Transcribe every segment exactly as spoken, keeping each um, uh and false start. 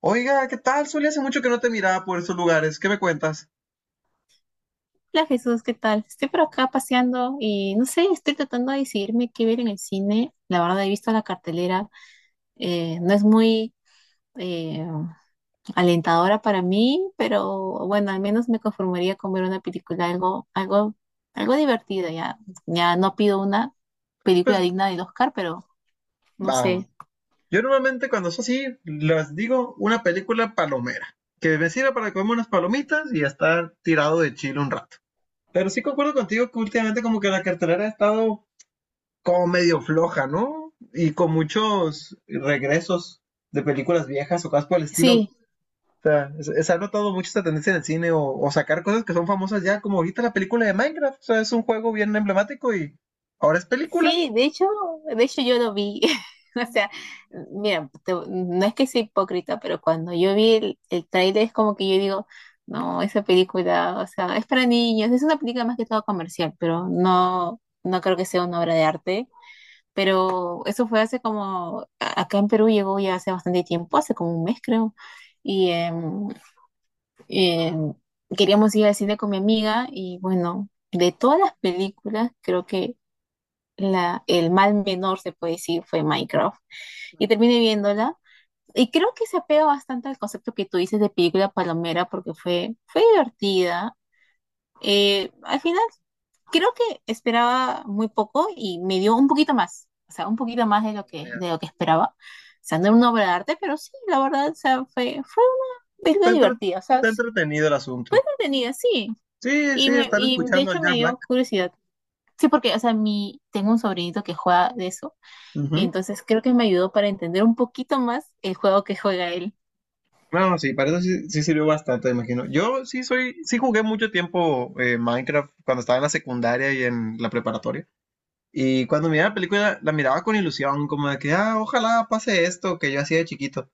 Oiga, ¿qué tal, Zuli? Hace mucho que no te miraba por esos lugares. ¿Qué me cuentas? Hola Jesús, ¿qué tal? Estoy por acá paseando y no sé, estoy tratando de decidirme qué ver en el cine. La verdad, he visto la cartelera, eh, no es muy eh, alentadora para mí, pero bueno, al menos me conformaría con ver una película algo, algo, algo divertida. Ya, ya no pido una película Pues, digna del Oscar, pero no vamos. sé. Yo normalmente cuando es así, les digo una película palomera, que me sirva para comer unas palomitas y estar tirado de chile un rato. Pero sí concuerdo contigo que últimamente como que la cartelera ha estado como medio floja, ¿no? Y con muchos regresos de películas viejas o cosas por el estilo. O Sí, sea, se- se ha notado mucho esta tendencia en el cine o, o sacar cosas que son famosas ya, como ahorita la película de Minecraft. O sea, es un juego bien emblemático y ahora es película. sí, de hecho, de hecho yo lo vi. O sea, mira, te- no es que sea hipócrita, pero cuando yo vi el, el tráiler es como que yo digo, no, esa película, o sea, es para niños, es una película más que todo comercial, pero no, no creo que sea una obra de arte. Pero eso fue hace como, a- acá en Perú llegó ya hace bastante tiempo, hace como un mes creo, y em, em, queríamos ir al cine con mi amiga y bueno, de todas las películas creo que la, el mal menor, se puede decir, fue Minecraft. Y terminé viéndola. Y creo que se apega bastante al concepto que tú dices de película palomera porque fue, fue divertida. Eh, al final, creo que esperaba muy poco y me dio un poquito más, o sea, un poquito más de lo que, Vaya, de lo que esperaba. O sea, no era una obra de arte, pero sí, la verdad, o sea, fue, fue una Está, película entre- divertida, o sea, está sí, entretenido el asunto. entretenida, sí. Sí, Y, sí, me- estar y de escuchando al hecho me Jack Black. dio curiosidad. Sí, porque, o sea, mi, tengo un sobrinito que juega de eso. Y Ujú. entonces creo que me ayudó para entender un poquito más el juego que juega él. No, no, sí, para eso sí, sí sirvió bastante, imagino. Yo sí soy, sí jugué mucho tiempo eh, Minecraft cuando estaba en la secundaria y en la preparatoria. Y cuando miraba la película, la miraba con ilusión, como de que, ah, ojalá pase esto que yo hacía de chiquito.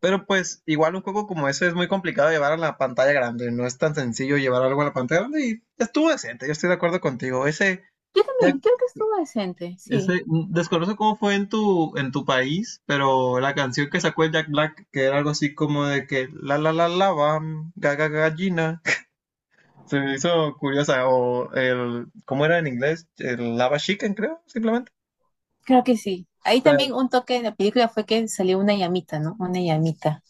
Pero pues igual un juego como ese es muy complicado de llevar a la pantalla grande, no es tan sencillo llevar algo a la pantalla grande y estuvo decente, yo estoy de acuerdo contigo. Ese, Yo Jack- también creo que estuvo decente, sí, ese, mm, desconozco cómo fue en tu, en tu país, pero la canción que sacó el Jack Black, que era algo así como de que la la la la bam, ga, ga, gallina, se me hizo curiosa, o el, ¿cómo era en inglés? El lava chicken, creo, simplemente. creo que sí. O Ahí sea, también un toque de la película fue que salió una llamita, ¿no? Una llamita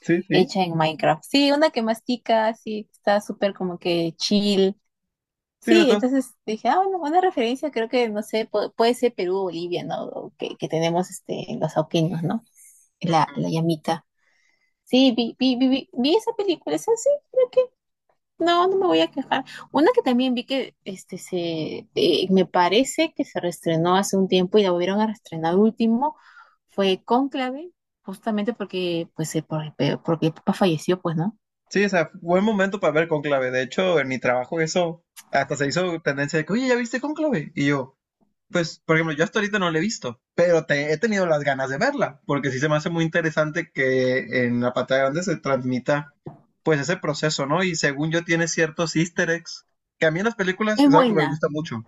sí, sí. hecha en Minecraft. Sí, una que mastica, sí, está súper como que chill. Sí, no, Sí, entonces dije, ah, bueno, una referencia creo que, no sé, pu- puede ser Perú o Bolivia, ¿no? O Que, que tenemos este, los auquinos, ¿no? La, la llamita. Sí, vi, vi, vi, vi, vi esa película, esa sí, creo. No, no me voy a quejar. Una que también vi que este se eh, me parece que se reestrenó hace un tiempo y la volvieron a reestrenar último fue Cónclave, justamente porque pues eh, por- pe- porque el papá falleció, pues, ¿no? sí, o sea, buen momento para ver Cónclave. De hecho, en mi trabajo eso hasta se hizo tendencia de que, oye, ¿ya viste Cónclave? Y yo, por ejemplo, yo hasta ahorita no la he visto, pero te, he tenido las ganas de verla, porque sí se me hace muy interesante que en la pantalla grande se transmita pues ese proceso, ¿no? Y según yo tiene ciertos easter eggs, que a mí en las películas Es es algo que me buena, gusta mucho,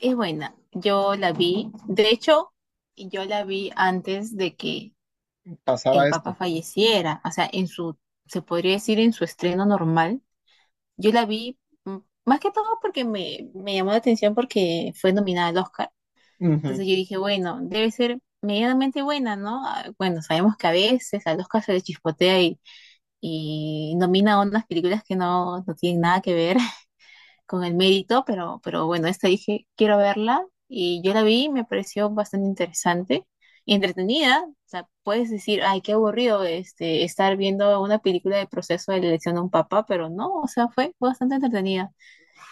es buena. Yo la vi, de hecho, yo la vi antes de que pasar a el papá esto. falleciera, o sea, en su, se podría decir, en su estreno normal. Yo la vi mm, más que todo porque me me llamó la atención porque fue nominada al Oscar. Ujú. Entonces yo dije, bueno, debe ser medianamente buena, ¿no? Ah, bueno, sabemos que a veces al Oscar se le chispotea y, y, nomina unas películas que no, no tienen nada que ver con el mérito, pero, pero bueno, esta dije, quiero verla y yo la vi y me pareció bastante interesante y entretenida. O sea, puedes decir, ay, qué aburrido este, estar viendo una película de proceso de la elección de un papá, pero no, o sea, fue bastante entretenida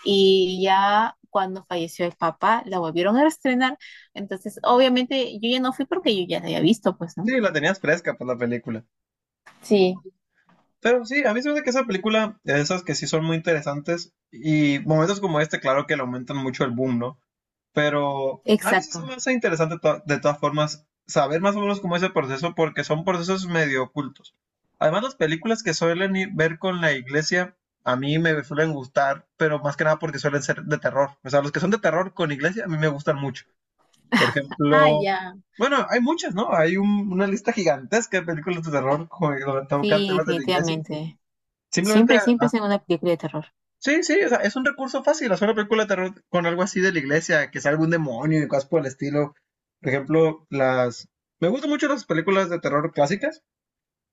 y ya cuando falleció el papá la volvieron a estrenar. Entonces, obviamente yo ya no fui porque yo ya la había visto, pues, ¿no? Sí, la tenías fresca por la película. Sí. Pero sí, a mí se me hace que esa película, de esas que sí son muy interesantes, y momentos como este, claro que le aumentan mucho el boom, ¿no? Pero a mí sí Exacto. se me hace interesante to- de todas formas saber más o menos cómo es el proceso porque son procesos medio ocultos. Además, las películas que suelen ir- ver con la iglesia a mí me suelen gustar, pero más que nada porque suelen ser de terror. O sea, los que son de terror con iglesia a mí me gustan mucho. Por Ah, ejemplo, ya. bueno, hay muchas, ¿no? Hay un- una lista gigantesca de películas de terror con, donde tocan Sí, temas de la iglesia. definitivamente. Simplemente Siempre, siempre es en una película de terror. Sí, sí, o sea, es un recurso fácil hacer una película de terror con algo así de la iglesia, que salga un demonio y cosas por el estilo. Por ejemplo, las... Me gustan mucho las películas de terror clásicas,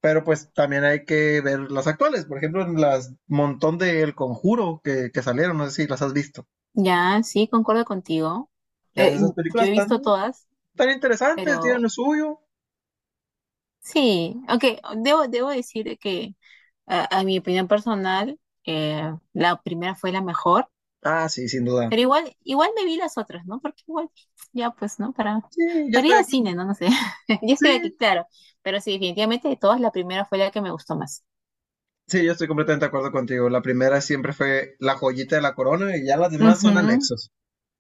pero pues también hay que ver las actuales. Por ejemplo, las montón de El Conjuro que, que salieron, no sé si las has visto. Ya, sí, concuerdo contigo. Y a Eh, veces esas yo películas he están visto todas, tan interesantes, tienen pero lo suyo. sí, aunque debo, debo decir que a, a mi opinión personal, eh, la primera fue la mejor. Ah, sí, sin duda. Pero igual, igual me vi las otras, ¿no? Porque igual, ya pues, ¿no? Para, Sí, ya para ir estoy al aquí. cine, ¿no? No sé. Ya Sí, estoy aquí, claro. Pero sí, definitivamente de todas, la primera fue la que me gustó más. sí, yo estoy completamente de acuerdo contigo. La primera siempre fue la joyita de la corona y ya las demás son Ujú, anexos.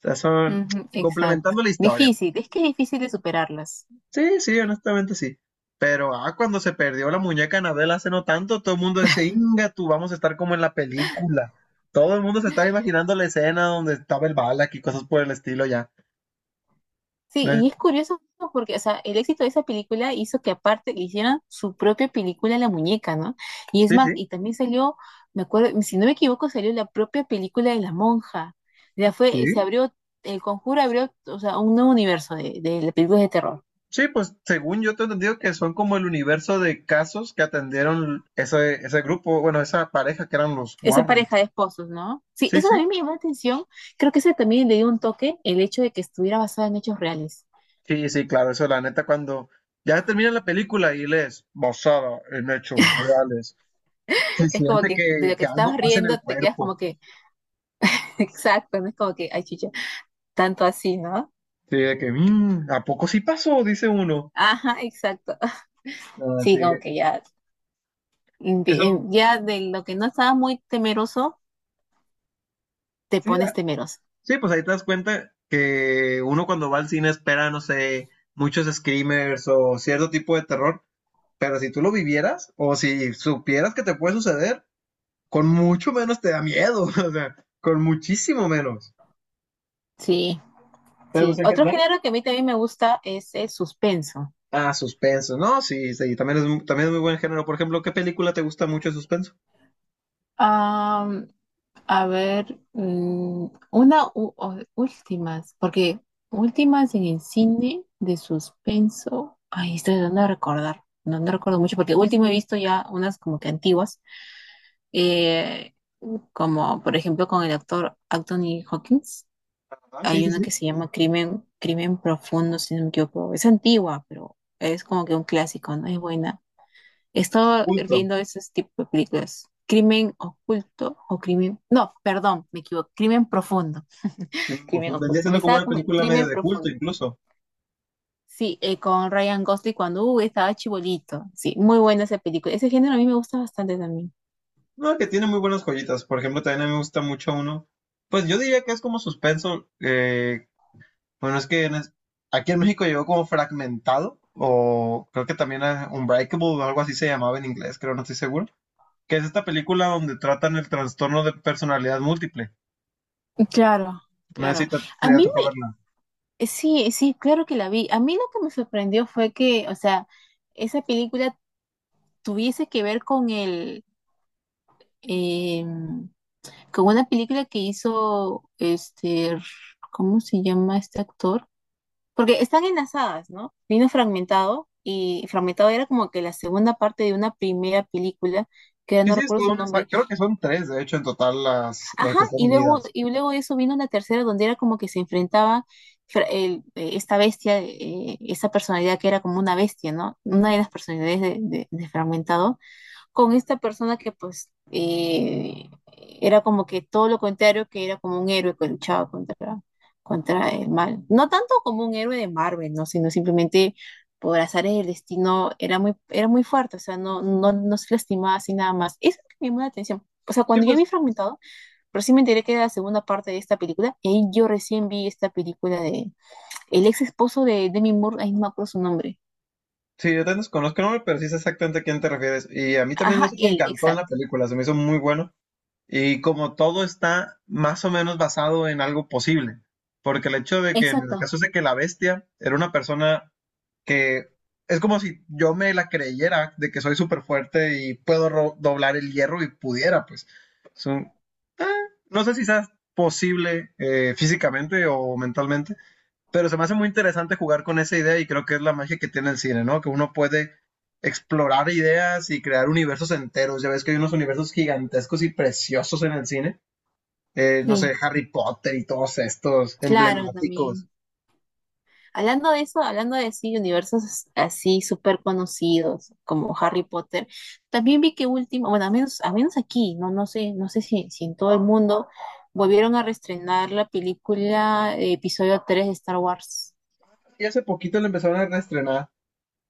sea, son ujú, exacto. complementando la historia. Difícil, es que es difícil de superarlas. Sí, sí, honestamente sí. Pero ah, cuando se perdió la muñeca Anabel hace no tanto, todo el mundo decía, Inga, tú vamos a estar como en la película. Todo el mundo se estaba imaginando la escena donde estaba el Balak y cosas por el estilo ya. Sí, ¿No y es? es curioso porque, o sea, el éxito de esa película hizo que aparte le hicieran su propia película a la muñeca, ¿no? Y es Sí, más, sí, y también salió, me acuerdo, si no me equivoco, salió la propia película de la monja. Ya sí. fue, se abrió, el conjuro abrió, o sea, un nuevo universo de, de las películas de terror. Sí, pues según yo te he entendido que son como el universo de casos que atendieron ese, ese grupo, bueno, esa pareja que eran los Esa Warren. pareja de esposos, ¿no? Sí, Sí, eso sí, también me llamó la atención. Creo que eso también le dio un toque, el hecho de que estuviera basada en hechos reales. sí, sí, claro, eso la neta cuando ya termina la película y lees basada en hechos reales, se Es como siente que de lo que, que que te algo estabas pasa en el riendo, te quedas cuerpo. como que, exacto, no es como que, ay, chicha, tanto así, ¿no? Sí, de que, "Mm, ¿a poco sí pasó? Dice uno. Ajá, exacto. Ah, Sí, sí, como que ya, eso, invi- ya de lo que no estaba muy temeroso, te sí, ah, pones temeroso. sí, pues ahí te das cuenta que uno cuando va al cine espera, no sé, muchos screamers o cierto tipo de terror, pero si tú lo vivieras o si supieras que te puede suceder, con mucho menos te da miedo, o sea, con muchísimo menos. Sí, Pero sí. pues en Otro general, género que a mí también me gusta es el suspenso. ah, suspenso. No, sí, sí, también es, mu- también es muy buen género. Por ejemplo, ¿qué película te gusta mucho de suspenso? Am, a ver, mm, una u- o- últimas, porque últimas en el cine de suspenso. Ay, estoy tratando de recordar. No, no recuerdo mucho, porque último he visto ya unas como que antiguas, eh, como por ejemplo con el actor Anthony Hopkins. Ah, sí, Hay sí, una que sí. se llama Crimen, Crimen Profundo, si no me equivoco. Es antigua, pero es como que un clásico, ¿no? Es buena. He De estado culto. viendo esos tipos de películas. Crimen oculto o crimen. No, perdón, me equivoco. Crimen profundo. Que me Crimen confundí. Vendría oculto. Me siendo como estaba una como. película medio Crimen de culto, profundo. incluso. Sí, eh, con Ryan Gosling cuando uh, estaba chibolito. Sí, muy buena esa película. Ese género a mí me gusta bastante también. No, que tiene muy buenas joyitas. Por ejemplo, también a mí me gusta mucho uno. Pues yo diría que es como suspenso. eh, bueno, es que en es- aquí en México llegó como fragmentado. O creo que también eh, Unbreakable o algo así se llamaba en inglés, creo, no estoy seguro. Que es esta película donde tratan el trastorno de personalidad múltiple. Claro, No sé claro. si te, si A te mí tocó me... verla. eh, Sí, sí, claro que la vi. A mí lo que me sorprendió fue que, o sea, esa película tuviese que ver con el, eh, con una película que hizo este, ¿cómo se llama este actor? Porque están enlazadas, ¿no? Vino fragmentado y fragmentado era como que la segunda parte de una primera película que Sí, no sí, es recuerdo toda su una saga. nombre. Creo que son tres, de hecho, en total las, las Ajá, que están y luego, unidas. y luego de eso vino una tercera donde era como que se enfrentaba fra- el- eh, esta bestia, eh, esta personalidad que era como una bestia, ¿no? Una de las personalidades de, de- de Fragmentado con esta persona que pues eh, era como que todo lo contrario, que era como un héroe que luchaba contra, contra el mal. No tanto como un héroe de Marvel, ¿no? Sino simplemente por azares del destino era muy, era muy fuerte, o sea, no, no, no se lastimaba así nada más. Eso es lo que me llamó la atención. O sea, Sí, cuando yo pues, vi Fragmentado, pero sí me enteré que era la segunda parte de esta película, y ahí yo recién vi esta película de el ex esposo de Demi Moore, ahí no me acuerdo su nombre. sí, yo te desconozco el nombre, pero sí sé exactamente a quién te refieres. Y a mí también Ajá, eso me él, encantó en la exacto. película, se me hizo muy bueno. Y como todo está más o menos basado en algo posible, porque el hecho de que, en el Exacto, caso es de que la bestia era una persona que es como si yo me la creyera de que soy súper fuerte y puedo ro- doblar el hierro y pudiera, pues. Es un- eh, no sé si sea posible eh, físicamente o mentalmente, pero se me hace muy interesante jugar con esa idea y creo que es la magia que tiene el cine, ¿no? Que uno puede explorar ideas y crear universos enteros. Ya ves que hay unos universos gigantescos y preciosos en el cine. Eh, no sé, sí, Harry Potter y todos estos claro, emblemáticos. también. Hablando de eso, hablando de sí, universos así súper conocidos como Harry Potter, también vi que último, bueno, a menos, a menos aquí, no, no sé, no sé si, si en todo el mundo volvieron a reestrenar la película eh, episodio tres de Star Wars. Y hace poquito le empezaron a reestrenar.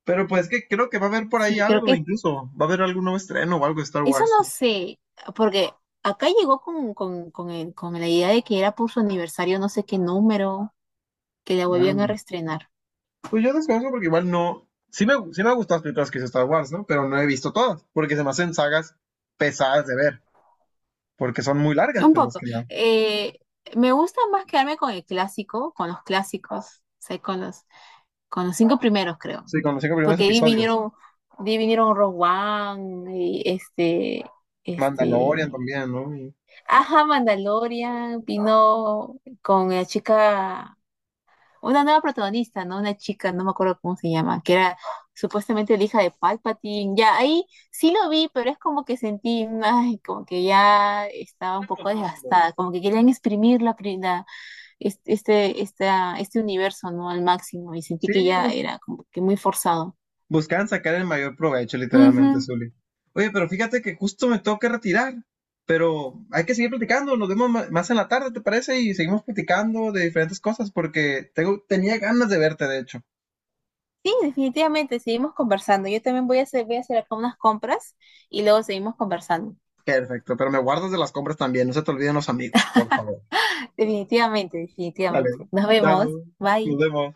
Pero pues que creo que va a haber por ahí Sí, creo algo, que incluso. Va a haber algún nuevo estreno o algo de Star eso Wars. no sé, porque acá llegó con, con, con, el- con la idea de que era por su aniversario, no sé qué número, que la volvían a Mm. reestrenar. Pues yo desconozco porque igual no. Sí me, sí me gustan las películas que hizo Star Wars, ¿no? Pero no he visto todas, porque se me hacen sagas pesadas de ver, porque son muy largas, Un pues más poco. que nada. Eh, Me gusta más quedarme con el clásico, con los clásicos, o sea, con los, con los cinco primeros, creo. Sí, con los cinco primeros Porque ahí episodios. vinieron, de ahí vinieron Rogue One, y este, Mandalorian este, también, ¿no? Y- ajá, Mandalorian, vino con la chica una nueva protagonista, ¿no? Una chica, no me acuerdo cómo se llama, que era supuestamente la hija de Palpatine. Ya ahí sí lo vi, pero es como que sentí, ay, como que ya estaba Era un lo poco mismo. desgastada, como que querían exprimir la, pri- la- es- este, esta- este universo, ¿no? Al máximo, y sentí Sí, que ya pues era como que muy forzado. buscaban sacar el mayor provecho, literalmente, Ujú. Zuli. Oye, pero fíjate que justo me tengo que retirar, pero hay que seguir platicando. Nos vemos ma- más en la tarde, ¿te parece? Y seguimos platicando de diferentes cosas porque tengo, tenía ganas de verte, de hecho. Sí, definitivamente, seguimos conversando. Yo también voy a hacer, voy a hacer acá unas compras y luego seguimos conversando. Perfecto, pero me guardas de las compras también. No se te olviden los amigos, por favor. Definitivamente, Dale, definitivamente. Nos chao, vemos. nos Bye. vemos.